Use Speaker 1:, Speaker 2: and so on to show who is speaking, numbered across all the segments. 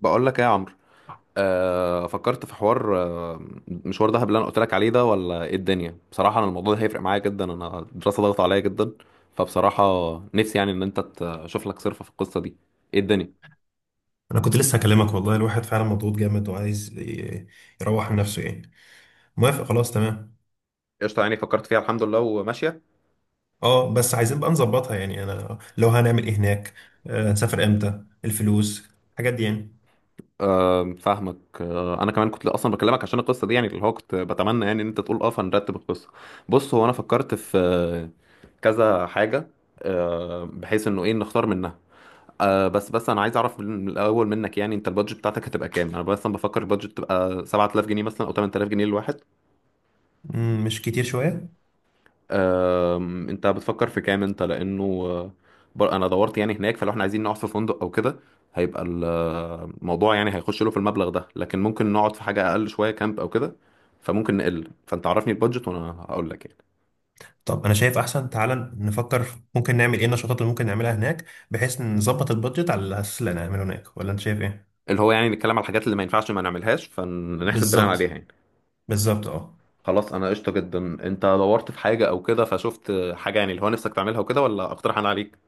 Speaker 1: بقول لك ايه يا عمرو؟ فكرت في حوار آه مشوار دهب اللي انا قلت لك عليه ده، ولا ايه الدنيا؟ بصراحه انا الموضوع ده هيفرق معايا جدا. انا الدراسه ضغط عليا جدا، فبصراحه نفسي يعني ان انت تشوف لك صرفه في القصه دي. ايه الدنيا؟
Speaker 2: انا كنت لسه هكلمك والله. الواحد فعلا مضغوط جامد وعايز يروح من نفسه يعني. موافق، خلاص تمام.
Speaker 1: قشطه، يعني فكرت فيها الحمد لله وماشيه.
Speaker 2: اه بس عايزين بقى نظبطها يعني. انا لو هنعمل ايه هناك، هنسافر امتى، الفلوس، الحاجات دي يعني.
Speaker 1: فاهمك. انا كمان كنت اصلا بكلمك عشان القصه دي، يعني اللي هو كنت بتمنى يعني ان انت تقول اه، فنرتب القصه. بص، هو انا فكرت في كذا حاجه. بحيث انه ايه، نختار منها. بس انا عايز اعرف من الاول منك، يعني انت البادجت بتاعتك هتبقى كام؟ انا مثلا بفكر البادجت تبقى 7000 جنيه مثلا او 8000 جنيه للواحد.
Speaker 2: مش كتير شوية؟
Speaker 1: انت بتفكر في كام انت؟ لانه انا دورت يعني هناك، فلو احنا عايزين نقعد في فندق او كده هيبقى الموضوع يعني هيخش له في المبلغ ده، لكن ممكن نقعد في حاجة اقل شوية، كامب او كده. فممكن نقل، فانت عرفني البادجت وانا هقول لك يعني.
Speaker 2: طب انا شايف احسن تعالى نفكر في ممكن نعمل ايه، النشاطات اللي ممكن نعملها هناك، بحيث نظبط البادجت على الاساس اللي هنعمله هناك. ولا انت شايف ايه؟
Speaker 1: اللي هو يعني نتكلم على الحاجات اللي ما ينفعش ما نعملهاش، فنحسب بناء عليها
Speaker 2: بالظبط.
Speaker 1: يعني.
Speaker 2: بالظبط اه.
Speaker 1: خلاص انا قشطه جدا. انت دورت في حاجه او كده فشفت حاجه يعني اللي هو نفسك تعملها وكده، ولا اقترح انا عليك؟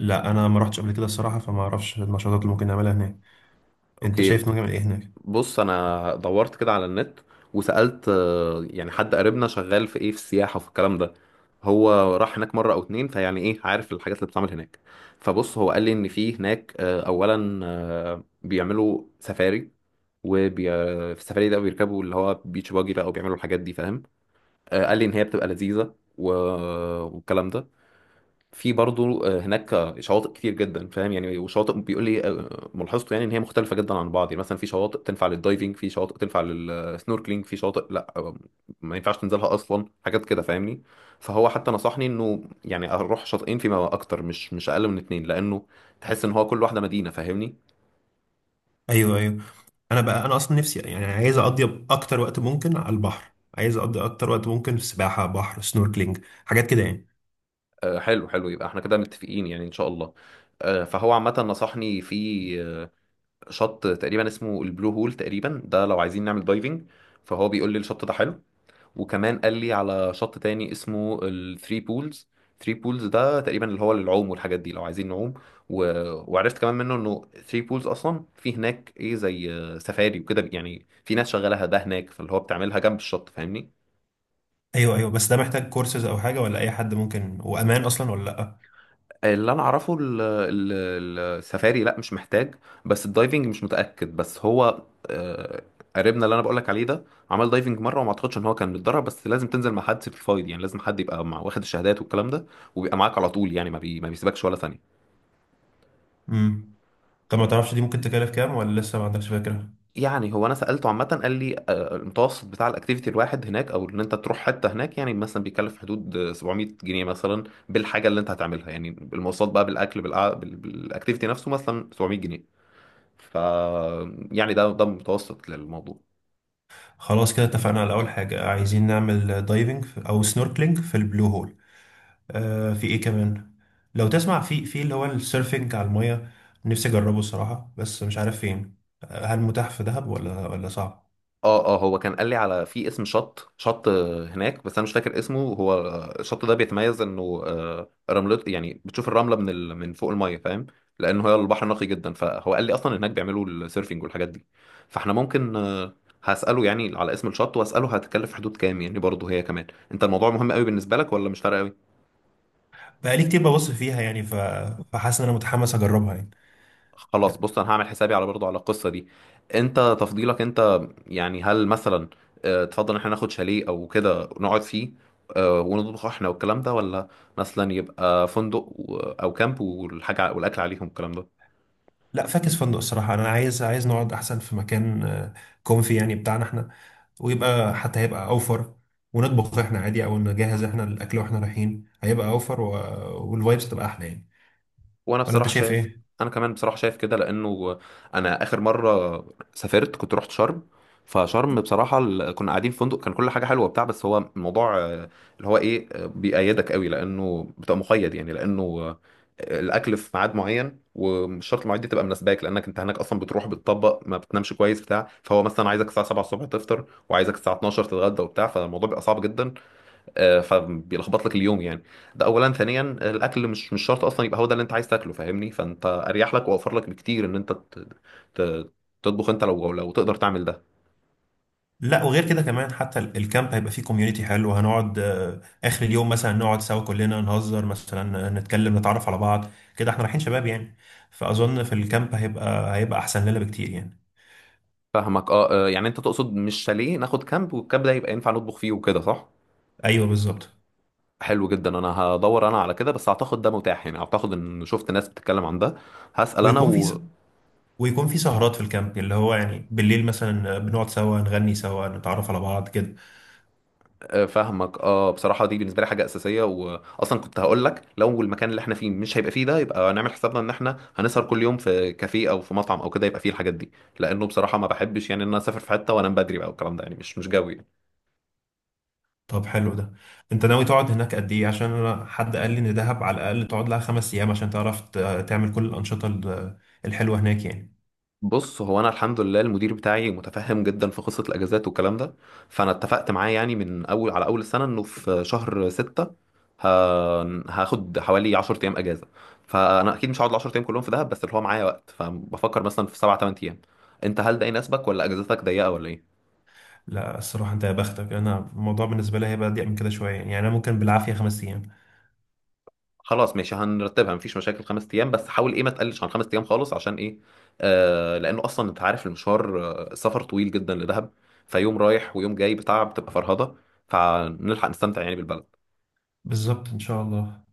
Speaker 2: لا انا ما رحتش قبل كده الصراحة، فما اعرفش النشاطات اللي ممكن نعملها هناك. انت شايف
Speaker 1: اوكي.
Speaker 2: ممكن نعمل ايه هناك؟
Speaker 1: بص، انا دورت كده على النت وسالت يعني حد قريبنا شغال في ايه، في السياحه وفي الكلام ده. هو راح هناك مره او اتنين، فيعني ايه، عارف الحاجات اللي بتتعمل هناك. فبص، هو قال لي ان في هناك اولا بيعملوا سفاري. وبي... في السفاري ده بيركبوا اللي هو بيتش باجي بقى، وبيعملوا الحاجات دي، فاهم. قال لي ان هي بتبقى لذيذه والكلام ده. في برضو هناك شواطئ كتير جدا، فاهم يعني. وشواطئ بيقول لي ملاحظته يعني ان هي مختلفه جدا عن بعض، يعني مثلا في شواطئ تنفع للدايفنج، في شواطئ تنفع للسنوركلينج، في شواطئ لا ما ينفعش تنزلها اصلا، حاجات كده، فاهمني. فهو حتى نصحني انه يعني اروح شاطئين فيما اكتر، مش اقل من اتنين، لانه تحس ان هو كل واحده مدينه، فاهمني.
Speaker 2: ايوه، ايوه. انا بقى انا اصلا نفسي يعني عايز اقضي اكتر وقت ممكن على البحر، عايز اقضي اكتر وقت ممكن في سباحه، بحر، سنوركلينج، حاجات كده يعني.
Speaker 1: حلو حلو، يبقى احنا كده متفقين يعني ان شاء الله. فهو عامه نصحني في شط تقريبا اسمه البلو هول تقريبا، ده لو عايزين نعمل دايفنج. فهو بيقول لي الشط ده حلو. وكمان قال لي على شط تاني اسمه الثري بولز. ثري بولز ده تقريبا اللي هو للعوم والحاجات دي، لو عايزين نعوم. و... وعرفت كمان منه انه ثري بولز اصلا في هناك ايه، زي سفاري وكده، يعني في ناس شغالها ده هناك، فاللي هو بتعملها جنب الشط، فاهمني.
Speaker 2: ايوه ايوه. بس ده محتاج كورسز او حاجه ولا اي حد ممكن وامان اصلا ولا لا؟
Speaker 1: اللي انا اعرفه السفاري لا مش محتاج. بس الدايفنج مش متاكد، بس هو آه، قريبنا اللي انا بقولك عليه ده عمل دايفنج مره، وما اعتقدش ان هو كان متدرب، بس لازم تنزل مع حد سيرتيفايد، يعني لازم حد يبقى مع، واخد الشهادات والكلام ده، وبيبقى معاك على طول يعني، ما بيسيبكش ولا ثانيه.
Speaker 2: امم. طب ما تعرفش دي ممكن تكلف كام، ولا لسه ما عندكش فكره؟
Speaker 1: يعني هو انا سالته عامه، قال لي المتوسط بتاع الاكتيفيتي الواحد هناك او ان انت تروح حته هناك، يعني مثلا بيكلف حدود 700 جنيه مثلا، بالحاجه اللي انت هتعملها، يعني المواصلات بقى، بالاكل، بالاكتيفيتي نفسه، مثلا 700 جنيه. ف يعني ده متوسط للموضوع.
Speaker 2: خلاص كده اتفقنا على اول حاجه. عايزين نعمل دايفنج او سنوركلينج في البلو هول. آه، في ايه كمان؟ لو تسمع في اللي هو السيرفنج على الميه، نفسي اجربه الصراحه بس مش عارف فين. هل متاح في دهب ولا صعب؟
Speaker 1: اه، اه، هو كان قال لي على في اسم شط هناك، بس انا مش فاكر اسمه هو. الشط ده بيتميز انه رملته، يعني بتشوف الرمله من فوق الميه، فاهم. لانه هي البحر نقي جدا، فهو قال لي اصلا هناك بيعملوا السيرفنج والحاجات دي. فاحنا ممكن هساله يعني على اسم الشط، واساله هتكلف حدود كام، يعني برضه هي كمان. انت الموضوع مهم قوي بالنسبه لك، ولا مش فارقه؟
Speaker 2: بقالي كتير ببص فيها يعني فحاسس ان انا متحمس اجربها يعني.
Speaker 1: خلاص بص، انا هعمل حسابي على برضو على القصه دي. انت تفضيلك انت، يعني هل مثلا تفضل ان احنا ناخد شاليه او كده نقعد فيه، ونطبخ احنا والكلام ده، ولا مثلا يبقى فندق او كامب والحاجه، والاكل عليهم والكلام ده؟
Speaker 2: لا، فاكس فندق الصراحه. انا عايز نقعد احسن في مكان كونفي يعني بتاعنا احنا، ويبقى حتى هيبقى اوفر. ونطبخ احنا عادي او نجهز احنا الاكل واحنا رايحين، هيبقى اوفر والفايبس تبقى احلى يعني.
Speaker 1: وانا
Speaker 2: ولا انت
Speaker 1: بصراحه
Speaker 2: شايف
Speaker 1: شايف.
Speaker 2: ايه؟
Speaker 1: انا كمان بصراحه شايف كده لانه انا اخر مره سافرت كنت رحت شرم، فشرم بصراحه كنا قاعدين في فندق، كان كل حاجه حلوه بتاع، بس هو الموضوع اللي هو ايه، بيقيدك قوي، لانه بتبقى مقيد يعني، لانه الاكل في ميعاد معين، ومش شرط المواعيد دي تبقى مناسباك، لانك انت هناك اصلا بتروح بتطبق، ما بتنامش كويس بتاع، فهو مثلا عايزك الساعه 7 الصبح تفطر، وعايزك الساعه 12 تتغدى وبتاع، فالموضوع بيبقى صعب جدا. فبيلخبط لك اليوم يعني. ده اولا، ثانيا الاكل مش شرط اصلا يبقى هو ده اللي انت عايز تاكله، فاهمني. فانت اريح لك واوفر لك بكتير ان انت ت- تطبخ انت، لو تقدر تعمل ده.
Speaker 2: لا، وغير كده كمان، حتى الكامب هيبقى فيه كوميونيتي حلو. هنقعد اخر اليوم مثلا نقعد سوا كلنا، نهزر مثلا، نتكلم، نتعرف على بعض كده. احنا رايحين شباب يعني، فاظن في الكامب هيبقى احسن لنا بكتير يعني.
Speaker 1: فاهمك. اه. يعني انت تقصد مش شاليه، ناخد كامب، والكامب ده يبقى ينفع نطبخ فيه وكده، صح.
Speaker 2: ايوه بالظبط.
Speaker 1: حلو جدا، انا هدور انا على كده، بس اعتقد ده متاح يعني، اعتقد ان شفت ناس بتتكلم عن ده. هسأل انا.
Speaker 2: ويكون في ويكون في سهرات في الكامب اللي هو يعني بالليل مثلا بنقعد سوا، نغني سوا، نتعرف على بعض كده.
Speaker 1: فاهمك. اه، بصراحه دي بالنسبه لي حاجه اساسيه. واصلا كنت هقول لك لو المكان اللي احنا فيه مش هيبقى فيه ده، يبقى نعمل حسابنا ان احنا هنسهر كل يوم في كافيه او في مطعم او كده، يبقى فيه الحاجات دي. لانه بصراحه ما بحبش يعني ان انا اسافر في حته وانام بدري بقى والكلام ده، يعني مش جوي.
Speaker 2: طب حلو ده. انت ناوي تقعد هناك قد ايه؟ عشان انا حد قال لي ان دهب على الاقل تقعد لها خمس ايام عشان تعرف تعمل كل الانشطه الحلوه هناك يعني.
Speaker 1: بص، هو انا الحمد لله المدير بتاعي متفهم جدا في قصه الاجازات والكلام ده، فانا اتفقت معاه يعني من اول على اول السنه انه في شهر ستة، ه- هاخد حوالي 10 ايام اجازه. فانا اكيد مش هقعد ال 10 ايام كلهم في دهب، بس اللي هو معايا وقت، فبفكر مثلا في سبع 8 ايام. انت هل ده يناسبك، ولا اجازتك ضيقه ولا ايه؟
Speaker 2: لا الصراحه انت يا بختك، انا الموضوع بالنسبه لي هيبقى ضيق من كده شويه يعني. انا ممكن بالعافيه خمس ايام.
Speaker 1: خلاص ماشي، هنرتبها، مفيش مشاكل. خمس ايام، بس حاول ايه ما تقلش عن خمس ايام خالص، عشان ايه؟ لانه اصلا انت عارف المشوار، السفر طويل جدا لدهب. فيوم رايح ويوم جاي بتاع، بتبقى فرهضه. فنلحق نستمتع يعني بالبلد.
Speaker 2: بالظبط ان شاء الله.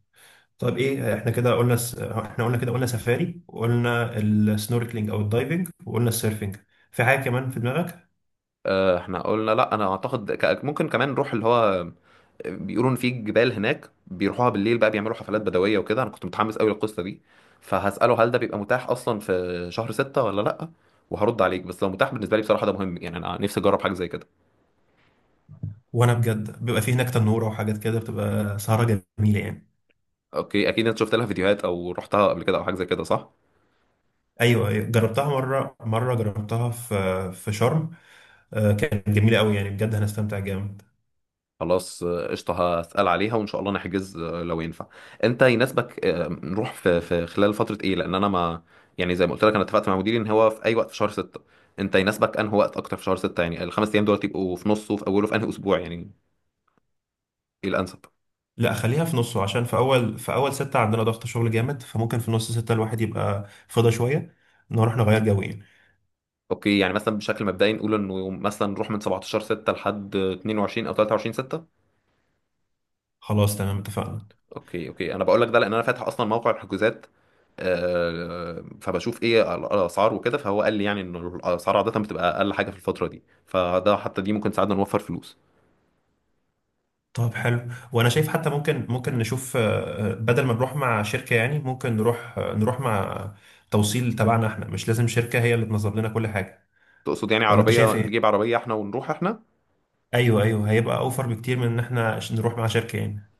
Speaker 2: طب ايه احنا كده قلنا س... احنا قلنا كده قلنا سفاري، وقلنا السنوركلينج او الدايفنج، وقلنا السيرفنج. في حاجه كمان في دماغك؟
Speaker 1: احنا قلنا، لا انا اعتقد ممكن كمان نروح اللي هو بيقولوا ان في جبال هناك بيروحوها بالليل بقى، بيعملوا حفلات بدويه وكده، انا كنت متحمس قوي للقصه دي. فهساله هل ده بيبقى متاح اصلا في شهر ستة ولا لا، وهرد عليك. بس لو متاح بالنسبه لي بصراحه ده مهم يعني، انا نفسي اجرب حاجه زي كده.
Speaker 2: وانا بجد بيبقى فيه هناك تنوره وحاجات كده، بتبقى سهره جميله يعني.
Speaker 1: اوكي، اكيد انت شفت لها فيديوهات او رحتها قبل كده او حاجه زي كده، صح؟
Speaker 2: ايوه أيوة، جربتها مره. جربتها في شرم. كانت جميله قوي يعني، بجد هنستمتع جامد.
Speaker 1: خلاص قشطه، هسال عليها وان شاء الله نحجز لو ينفع. انت يناسبك نروح في خلال فتره ايه، لان انا ما، يعني زي ما قلت لك انا اتفقت مع مديري ان هو في اي وقت في شهر 6. انت يناسبك انه وقت اكتر في شهر 6، يعني الخمس ايام دول يبقوا في نصه، في اوله، في انهي اسبوع يعني؟ ايه الانسب؟
Speaker 2: لا خليها في نصه، عشان في اول سته عندنا ضغط شغل جامد، فممكن في نص سته الواحد يبقى فضى شويه، نروح نغير جو يعني.
Speaker 1: اوكي، يعني مثلا بشكل مبدئي نقول انه مثلا نروح من 17 6 لحد 22 او 23 6.
Speaker 2: خلاص تمام اتفقنا.
Speaker 1: اوكي اوكي، انا بقول لك ده لان انا فاتح اصلا موقع الحجوزات، فبشوف ايه الاسعار وكده. فهو قال لي يعني ان الاسعار عاده بتبقى اقل حاجه في الفتره دي، فده حتى دي ممكن تساعدنا نوفر فلوس.
Speaker 2: طب حلو. وانا شايف حتى ممكن، ممكن نشوف بدل ما نروح مع شركه يعني، ممكن نروح مع توصيل تبعنا احنا، مش لازم شركه هي اللي تنظم لنا كل حاجه.
Speaker 1: تقصد يعني
Speaker 2: ولا انت
Speaker 1: عربيه،
Speaker 2: شايف
Speaker 1: نجيب
Speaker 2: ايه؟
Speaker 1: عربيه احنا ونروح احنا؟
Speaker 2: ايوه ايوه، هيبقى اوفر بكتير من ان احنا عشان نروح مع شركه يعني.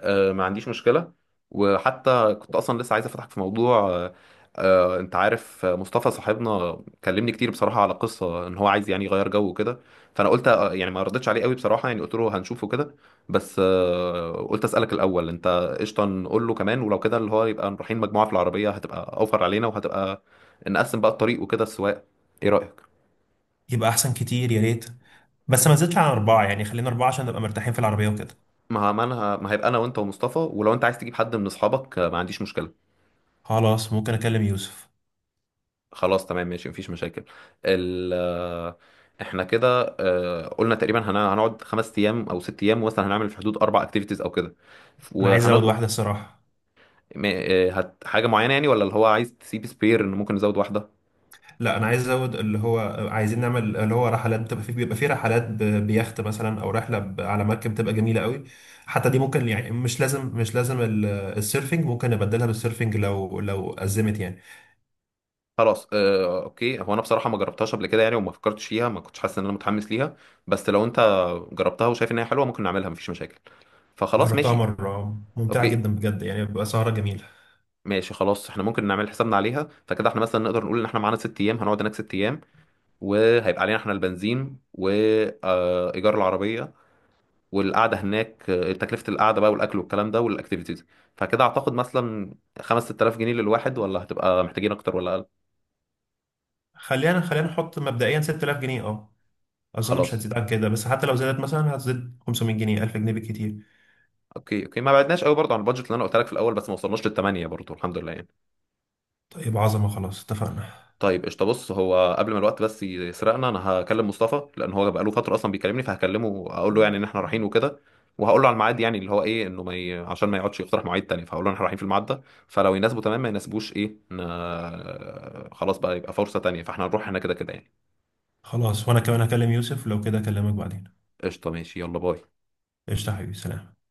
Speaker 1: ما عنديش مشكلة. وحتى كنت أصلا لسه عايز أفتحك في موضوع، أنت عارف مصطفى صاحبنا كلمني كتير بصراحة على قصة إن هو عايز يعني يغير جو وكده. فأنا قلت يعني ما ردتش عليه قوي بصراحة، يعني قلت له هنشوفه كده. بس قلت أسألك الأول. أنت قشطة نقول له كمان؟ ولو كده اللي هو يبقى رايحين مجموعة في العربية، هتبقى أوفر علينا، وهتبقى نقسم بقى الطريق وكده السواق. إيه رأيك؟
Speaker 2: يبقى احسن كتير، يا ريت. بس ما نزلتش عن اربعه يعني، خلينا اربعه عشان نبقى مرتاحين في العربيه وكده.
Speaker 1: ما أنا ما، هيبقى أنا وأنت ومصطفى، ولو أنت عايز تجيب حد من أصحابك ما عنديش مشكلة.
Speaker 2: خلاص، ممكن اكلم يوسف.
Speaker 1: خلاص تمام ماشي، مفيش مشاكل. ال آه، احنا كده قلنا تقريبا هنقعد 5 ايام او 6 ايام، مثلا هنعمل في حدود 4 اكتيفيتيز او كده،
Speaker 2: انا عايز ازود
Speaker 1: وهنطبخ.
Speaker 2: واحده الصراحه.
Speaker 1: هت حاجه معينه يعني، ولا اللي هو عايز تسيب سبير ان ممكن نزود واحده؟
Speaker 2: لا انا عايز ازود اللي هو، عايزين نعمل اللي هو رحلات بتبقى فيه، بيبقى فيه رحلات بيخت مثلا، او رحله على مركب، بتبقى جميله قوي. حتى دي ممكن يعني، مش لازم السيرفنج، ممكن نبدلها بالسيرفنج لو ازمت يعني.
Speaker 1: خلاص اوكي. هو انا بصراحه ما جربتهاش قبل كده يعني، وما فكرتش فيها، ما كنتش حاسس ان انا متحمس ليها، بس لو انت جربتها وشايف ان هي حلوه ممكن نعملها، مفيش مشاكل. فخلاص
Speaker 2: جربتها
Speaker 1: ماشي.
Speaker 2: مره ممتعه
Speaker 1: اوكي
Speaker 2: جدا بجد يعني، بيبقى سهره جميله.
Speaker 1: ماشي خلاص، احنا ممكن نعمل حسابنا عليها، فكده احنا مثلا نقدر نقول ان احنا معانا 6 ايام، هنقعد هناك 6 ايام، وهيبقى علينا احنا البنزين وايجار العربيه، والقعده هناك تكلفه القعده بقى، والاكل والكلام ده والاكتيفيتيز. فكده اعتقد مثلا 5 6000 جنيه للواحد، ولا هتبقى محتاجين اكتر ولا اقل؟
Speaker 2: خلينا نحط مبدئيا 6000 جنيه اه. اظن مش
Speaker 1: خلاص.
Speaker 2: هتزيد عن كده، بس حتى لو زادت مثلا هتزيد 500 جنيه، 1000 جنيه بالكتير.
Speaker 1: اوكي اوكي، ما بعدناش قوي برضه عن البادجت اللي انا قلت لك في الاول، بس ما وصلناش للثمانيه برضه الحمد لله يعني.
Speaker 2: طيب عظمه، خلاص اتفقنا.
Speaker 1: طيب قشطة، بص هو قبل ما الوقت بس يسرقنا، انا هكلم مصطفى لان هو بقاله فترة اصلا بيكلمني، فهكلمه اقول له يعني ان احنا رايحين وكده. وهقول له على الميعاد، يعني اللي هو ايه، انه ما ي... عشان ما يقعدش يقترح مواعيد تاني، فهقول له إن احنا رايحين في الميعاد ده. فلو يناسبه تمام، ما يناسبوش ايه، خلاص بقى، يبقى فرصة تانية. فاحنا هنروح هنا كده كده يعني.
Speaker 2: خلاص وانا كمان هكلم يوسف، لو كده اكلمك بعدين.
Speaker 1: قشطة ماشي، يلا باي.
Speaker 2: قشطه يا حبيبي، سلام.